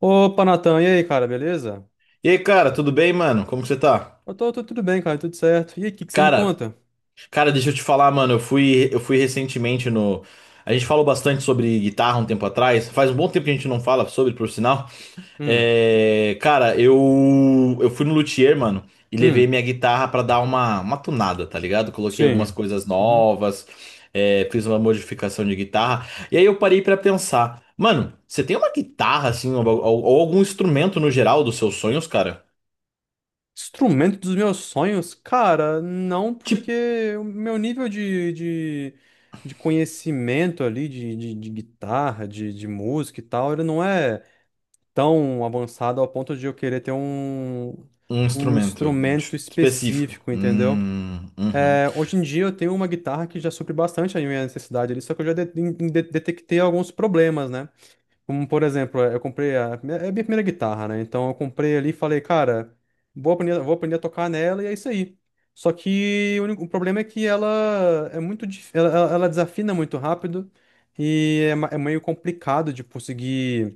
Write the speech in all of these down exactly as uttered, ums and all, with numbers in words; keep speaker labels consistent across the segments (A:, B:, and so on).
A: Opa, Natan, e aí, cara, beleza?
B: E aí, cara, tudo bem, mano? Como que você tá?
A: Eu tô, tô tudo bem, cara, tudo certo. E aí, o que que você me
B: Cara,
A: conta?
B: cara, deixa eu te falar, mano, eu fui eu fui recentemente no. A gente falou bastante sobre guitarra um tempo atrás. Faz um bom tempo que a gente não fala sobre, por sinal.
A: Hum,
B: É, cara, eu eu fui no luthier, mano, e levei
A: hum,
B: minha guitarra pra dar uma uma tunada, tá ligado? Coloquei algumas
A: sim.
B: coisas
A: Uhum.
B: novas, é, fiz uma modificação de guitarra. E aí eu parei pra pensar, mano, você tem uma guitarra assim ou, ou ou algum instrumento no geral dos seus sonhos, cara?
A: Instrumento dos meus sonhos? Cara, não,
B: Tipo,
A: porque o meu nível de, de, de conhecimento ali, de, de, de guitarra, de, de música e tal, ele não é tão avançado ao ponto de eu querer ter um,
B: um
A: um
B: instrumento
A: instrumento
B: específico.
A: específico, entendeu?
B: Hum, uhum.
A: É, hoje em dia eu tenho uma guitarra que já supre bastante a minha necessidade ali, só que eu já de- de- detectei alguns problemas, né? Como, por exemplo, eu comprei a, é a minha primeira guitarra, né? Então eu comprei ali e falei, cara, vou aprender, vou aprender a tocar nela e é isso aí. Só que o único problema é que ela é muito, dif- ela, ela ela desafina muito rápido e é, ma- é meio complicado de conseguir,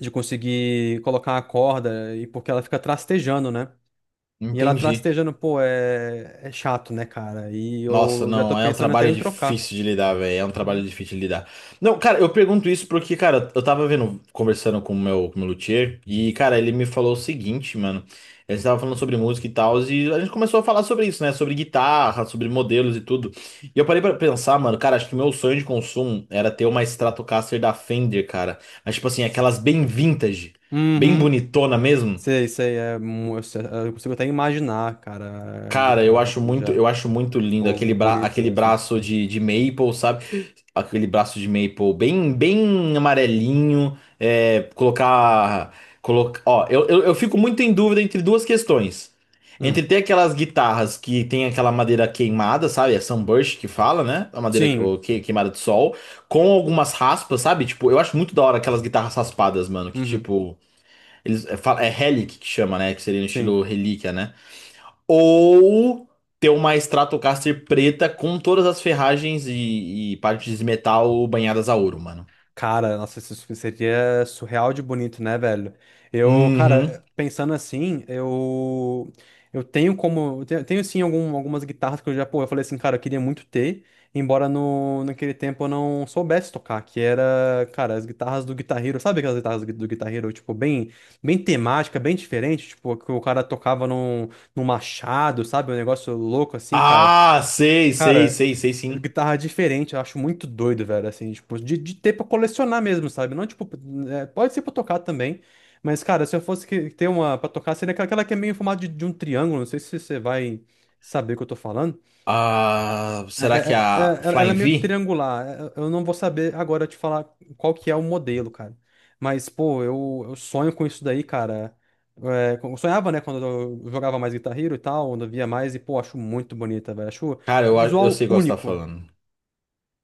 A: de conseguir colocar a corda e porque ela fica trastejando, né? E ela
B: Entendi.
A: trastejando pô, é, é chato, né, cara? E
B: Nossa,
A: eu já tô
B: não, é um
A: pensando até
B: trabalho
A: em trocar.
B: difícil de lidar, velho. É um trabalho
A: Uhum.
B: difícil de lidar. Não, cara, eu pergunto isso porque, cara, eu tava vendo, conversando com o meu, com o meu luthier, e, cara, ele me falou o seguinte, mano. Ele tava falando sobre música e tal, e a gente começou a falar sobre isso, né? Sobre guitarra, sobre modelos e tudo. E eu parei pra pensar, mano, cara, acho que o meu sonho de consumo era ter uma Stratocaster da Fender, cara. Mas, tipo assim, aquelas bem vintage, bem
A: Uhum.
B: bonitona mesmo.
A: Sei, sei, é, mu- eu sei- eu consigo até imaginar, cara, a
B: Cara, eu
A: guitarra
B: acho
A: aqui
B: muito,
A: já.
B: eu acho muito lindo
A: Pô,
B: aquele, bra
A: bonito
B: aquele
A: mesmo.
B: braço de, de maple, sabe? Aquele braço de maple bem, bem amarelinho. É, colocar, colocar, ó, eu, eu, eu fico muito em dúvida entre duas questões. Entre
A: Hum.
B: ter aquelas guitarras que tem aquela madeira queimada, sabe? É sunburst que fala, né? A madeira que-
A: Sim.
B: ou que- queimada de sol, com algumas raspas, sabe? Tipo, eu acho muito da hora aquelas guitarras raspadas, mano. Que
A: Uhum.
B: tipo, eles é, fa- é relic que chama, né? Que seria no estilo
A: Sim.
B: relíquia, né? Ou ter uma Stratocaster preta com todas as ferragens e, e partes de metal banhadas a ouro, mano.
A: Cara, nossa, isso seria surreal de bonito, né, velho? Eu, cara,
B: Uhum.
A: pensando assim, eu eu tenho como, eu tenho, tenho sim algum- algumas guitarras que eu já, pô, eu falei assim, cara, eu queria muito ter, embora no, naquele tempo eu não soubesse tocar, que era, cara, as guitarras do Guitar Hero, sabe aquelas guitarras do do Guitar Hero, tipo, bem bem temática, bem diferente, tipo, que o cara tocava num, num machado, sabe? Um negócio louco assim, cara.
B: Ah, sei, sei,
A: Cara,
B: sei, sei sim.
A: guitarra é diferente, eu acho muito doido, velho, assim, tipo, de, de ter pra colecionar mesmo, sabe? Não, tipo, é, pode ser pra tocar também, mas, cara, se eu fosse que- ter uma pra tocar, seria aquela aquela que é meio em formato de de um triângulo, não sei se você vai saber o que eu tô falando.
B: Ah,
A: É-
B: será que é
A: é- é-
B: a
A: é- ela ela é
B: Flying
A: meio
B: V?
A: triangular, é- eu não vou saber agora te falar qual que é o modelo, cara. Mas, pô, eu, eu sonho com isso daí, cara. É, eu sonhava, né, quando eu jogava mais Guitar Hero e tal, quando eu via mais, e, pô, acho muito bonita, velho, acho
B: Cara, eu, a- eu
A: visual
B: sei qual você tá
A: único,
B: falando.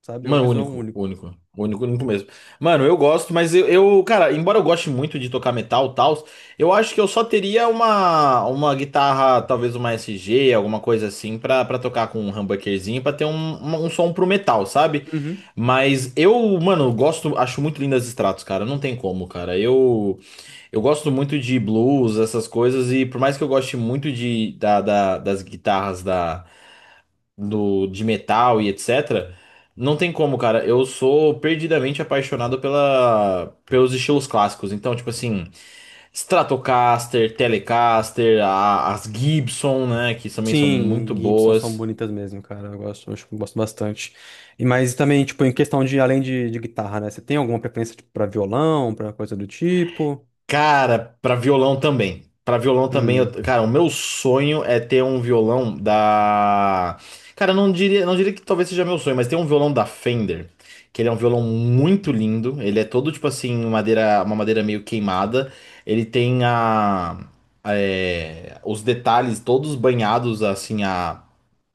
A: sabe? Um
B: Mano,
A: visual
B: único,
A: único.
B: único, único, único mesmo. Mano, eu gosto, mas eu, eu, cara, embora eu goste muito de tocar metal e tal, eu acho que eu só teria uma, uma guitarra, talvez uma S G, alguma coisa assim, pra, pra tocar com um humbuckerzinho, pra ter um, um, um som pro metal, sabe?
A: Uhum.
B: Mas eu, mano, gosto, acho muito lindas as Stratos, cara, não tem como, cara. Eu, eu gosto muito de blues, essas coisas, e por mais que eu goste muito de, da, da- das guitarras da do, de metal e etcétera. Não tem como, cara. Eu sou perdidamente apaixonado pela, pelos estilos clássicos. Então, tipo assim, Stratocaster, Telecaster, a- as Gibson, né? Que também são
A: Sim,
B: muito
A: Gibson são
B: boas.
A: bonitas mesmo, cara. Eu gosto, eu acho que eu gosto bastante. E mas também, tipo, em questão de além de, de guitarra, né? Você tem alguma preferência tipo, para violão, pra coisa do tipo?
B: Cara, pra violão também. Pra violão também, eu-
A: Hum,
B: cara, o meu sonho é ter um violão da. Cara, eu não diria, não diria que talvez seja meu sonho, mas tem um violão da Fender, que ele é um violão muito lindo. Ele é todo tipo assim, madeira, uma madeira meio queimada. Ele tem a, é, os detalhes todos banhados assim a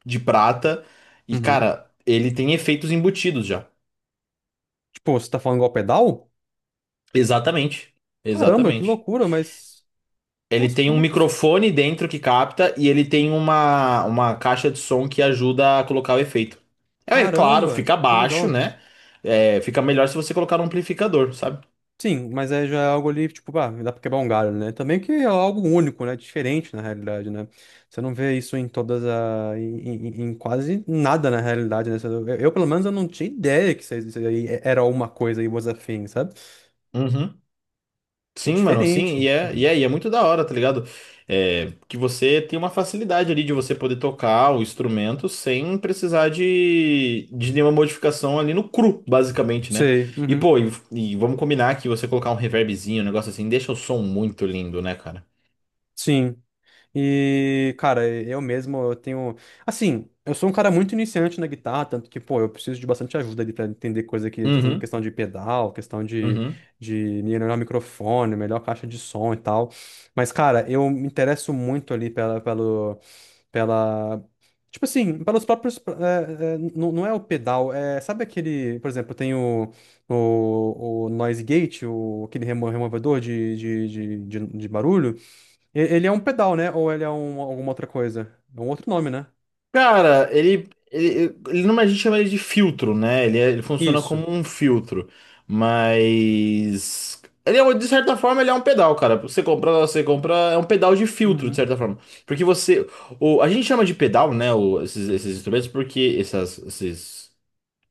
B: de prata. E
A: uhum.
B: cara, ele tem efeitos embutidos já.
A: Tipo, você tá falando igual pedal?
B: Exatamente.
A: Caramba, que
B: Exatamente.
A: loucura, mas
B: Ele
A: nossa,
B: tem um
A: como é que isso?
B: microfone dentro que capta e ele tem uma, uma caixa de som que ajuda a colocar o efeito. É é claro,
A: Caramba,
B: fica
A: que
B: baixo,
A: legal.
B: né? É, fica melhor se você colocar um amplificador, sabe?
A: Sim, mas aí já é algo ali, tipo, ah, dá pra quebrar um galho, né? Também que é algo único, né? Diferente, na realidade, né? Você não vê isso em todas a... em, em- em quase nada, na realidade, né? Você- Eu, eu, pelo menos, eu não tinha ideia que isso aí isso aí era uma coisa e was a thing, sabe?
B: Uhum.
A: Pô,
B: Sim, mano, sim, e
A: diferente.
B: é, e
A: Uhum.
B: é, e é muito da hora, tá ligado? É, que você tem uma facilidade ali de você poder tocar o instrumento sem precisar de, de nenhuma modificação ali no cru, basicamente, né?
A: Sei.
B: E
A: Uhum.
B: pô, e, e vamos combinar que você colocar um reverbzinho, um negócio assim, deixa o som muito lindo, né, cara?
A: Sim. E, cara, eu mesmo, eu tenho. Assim, eu sou um cara muito iniciante na guitarra, tanto que, pô, eu preciso de bastante ajuda ali pra entender coisa que.
B: Uhum.
A: Questão de pedal, questão de,
B: Uhum.
A: de melhorar o microfone, melhor caixa de som e tal. Mas, cara, eu me interesso muito ali pela, pelo, pela. Tipo assim, pelos próprios. é, é, não, não é o pedal, é. Sabe aquele. Por exemplo, tem o, o, o Noise Gate, o, aquele remo- removedor de, de, de, de de barulho. E- ele é um pedal, né? Ou ele é um, alguma outra coisa? É um outro nome, né?
B: Cara, ele, ele, ele não, a gente chama ele de filtro, né? Ele, é- ele funciona
A: Isso.
B: como um filtro, mas ele é, um- de certa forma ele é um pedal, cara. Você compra, você compra é um pedal de filtro, de
A: Uhum.
B: certa forma, porque você, o, a gente chama de pedal, né? O- esses, esses instrumentos, porque essas, esses,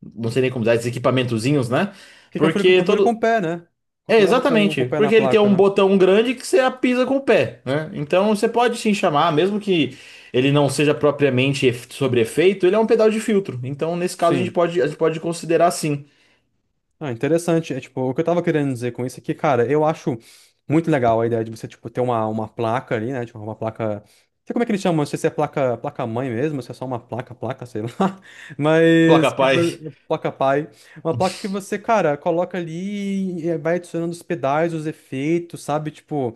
B: não sei nem como dizer, esses equipamentozinhos, né?
A: Que configura,
B: Porque
A: configura com
B: todo,
A: o pé, né?
B: é,
A: Configurava com, com o
B: exatamente,
A: pé na
B: porque ele tem
A: placa,
B: um
A: né?
B: botão grande que você apisa com o pé, né? Então você pode sim chamar, mesmo que ele não seja propriamente ef- sobre efeito, ele é um pedal de filtro. Então, nesse caso, a gente
A: Sim.
B: pode, a gente pode considerar sim.
A: Ah, interessante. É tipo, o que eu tava querendo dizer com isso é que, cara, eu acho muito legal a ideia de você, tipo, ter uma, uma placa ali, né? Tipo, uma placa. Não sei como é que eles chamam, não sei se é placa, placa mãe mesmo, se é só uma placa, placa, sei lá.
B: Placa
A: Mas que
B: pai.
A: vo- placa pai. Uma placa que você, cara, coloca ali e vai adicionando os pedais, os efeitos, sabe? Tipo.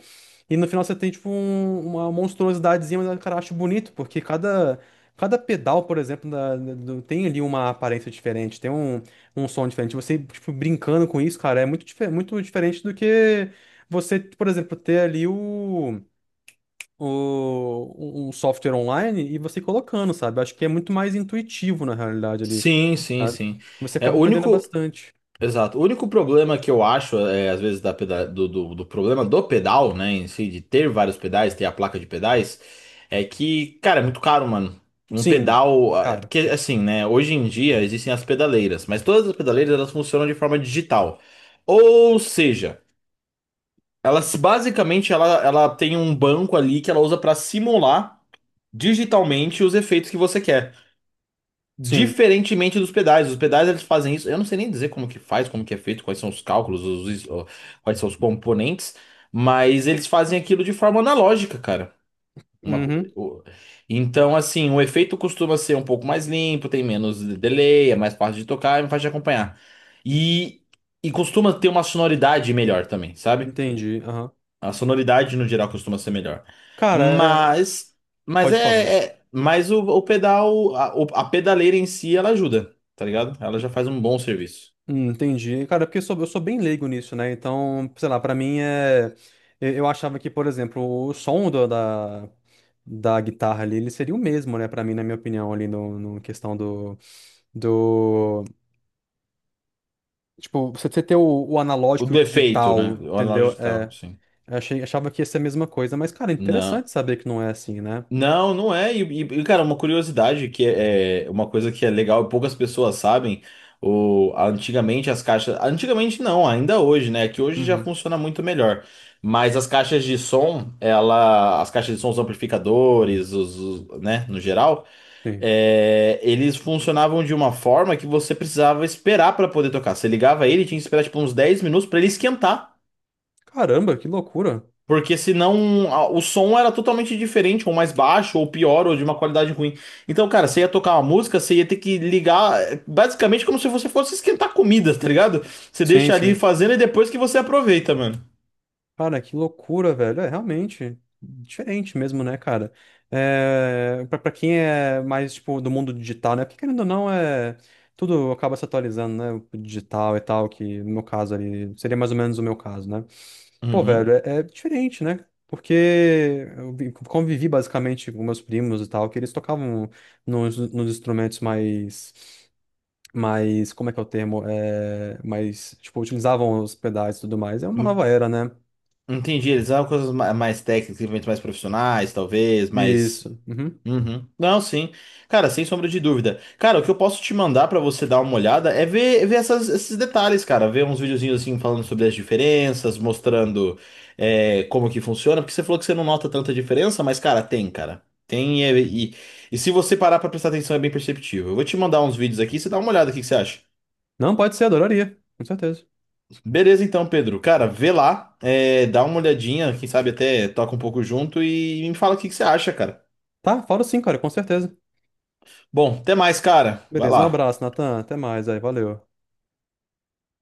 A: E no final você tem, tipo, um- uma monstruosidadezinha, mas, cara, eu acho bonito, porque cada. Cada pedal, por exemplo, da- da- do- tem ali uma aparência diferente. Tem um, um som diferente. Você, tipo, brincando com isso, cara, é muito, dife- muito diferente do que você, por exemplo, ter ali o, o, um software online e você colocando, sabe? Acho que é muito mais intuitivo, na realidade, ali,
B: Sim, sim,
A: sabe?
B: sim.
A: Você
B: É, o
A: acaba aprendendo
B: único,
A: bastante.
B: exato. O único problema que eu acho, é, às vezes, da peda- do, do, do problema do pedal, né, em si, de ter vários pedais, ter a placa de pedais, é que, cara, é muito caro, mano. Um
A: Sim,
B: pedal. Ah, é
A: cara.
B: porque, assim, né, hoje em dia existem as pedaleiras, mas todas as pedaleiras elas funcionam de forma digital. Ou seja, ela se- basicamente ela, ela tem um banco ali que ela usa para simular digitalmente os efeitos que você quer.
A: Sim.
B: Diferentemente dos pedais, os pedais eles fazem isso. Eu não sei nem dizer como que faz, como que é feito, quais são os cálculos, os, is- ó, quais são os componentes, mas eles fazem aquilo de forma analógica, cara. Uma co-
A: Uhum.
B: o- então, assim, o efeito costuma ser um pouco mais limpo, tem menos delay, é mais fácil de tocar, é mais fácil de acompanhar. E, e costuma ter uma sonoridade melhor também, sabe?
A: Entendi. Aham.
B: A sonoridade no geral costuma ser melhor.
A: Cara, é...
B: Mas, mas
A: pode falar.
B: é, é- mas o, o pedal, a, o- a pedaleira em si, ela ajuda, tá ligado? Ela já faz um bom serviço.
A: Hum, entendi. Cara, é porque eu sou, eu sou bem leigo nisso, né? Então, sei lá, pra mim é. Eu eu achava que, por exemplo, o som do- da, da guitarra ali, ele seria o mesmo, né? Pra mim, na minha opinião, ali no, no questão do, do. Tipo, você você ter o, o
B: O
A: analógico e o
B: do efeito,
A: digital,
B: né? O
A: entendeu?
B: analógico e tal,
A: É,
B: sim.
A: eu achei, achava que ia ser a mesma coisa, mas, cara, é
B: Não,
A: interessante saber que não é assim, né?
B: não, não é. E, e- e, cara, uma curiosidade que é, é uma coisa que é legal e poucas pessoas sabem. O, antigamente as caixas. Antigamente não, ainda hoje, né? Que hoje já
A: Uhum,
B: funciona muito melhor. Mas as caixas de som, ela, as caixas de som, os amplificadores, os, os- né, no geral,
A: sim.
B: é, eles funcionavam de uma forma que você precisava esperar para poder tocar. Você ligava ele, tinha que esperar tipo uns dez minutos para ele esquentar.
A: Caramba, que loucura.
B: Porque senão a- o som era totalmente diferente, ou mais baixo, ou pior, ou de uma qualidade ruim. Então, cara, você ia tocar uma música, você ia ter que ligar, é, basicamente como se você fosse esquentar comida, tá ligado? Você
A: Sim,
B: deixa ali
A: sim.
B: fazendo e depois que você aproveita, mano.
A: Cara, que loucura, velho. É realmente diferente mesmo, né, cara? É, pra, pra quem é mais, tipo, do mundo digital, né? Porque querendo ou não, é, tudo acaba se atualizando, né? O digital e tal, que no meu caso ali seria mais ou menos o meu caso, né? Pô, velho,
B: Uhum.
A: é, é diferente, né? Porque eu vi- convivi basicamente com meus primos e tal, que eles tocavam nos, nos instrumentos mais. Mais, como é que é o termo? É, mais, tipo, utilizavam os pedais e tudo mais. É uma nova
B: Hum,
A: era, né?
B: entendi, eles eram coisas ma- mais técnicas, eventos mais profissionais, talvez, mais,
A: Isso. Uhum.
B: uhum. Não, sim. Cara, sem sombra de dúvida. Cara, o que eu posso te mandar pra você dar uma olhada é ver, ver essas- esses detalhes, cara. Ver uns videozinhos assim falando sobre as diferenças, mostrando é, como que funciona. Porque você falou que você não nota tanta diferença, mas, cara, tem, cara. Tem e, é, e, e se você parar pra prestar atenção é bem perceptível. Eu vou te mandar uns vídeos aqui, você dá uma olhada, o que que você acha?
A: Não, pode ser, adoraria. Com certeza.
B: Beleza, então, Pedro. Cara, vê lá, é, dá uma olhadinha, quem sabe até toca um pouco junto e me fala o que que você acha, cara.
A: Tá, falo sim, cara, com certeza.
B: Bom, até mais, cara. Vai
A: Beleza, um
B: lá.
A: abraço, Natan. Até mais aí, valeu.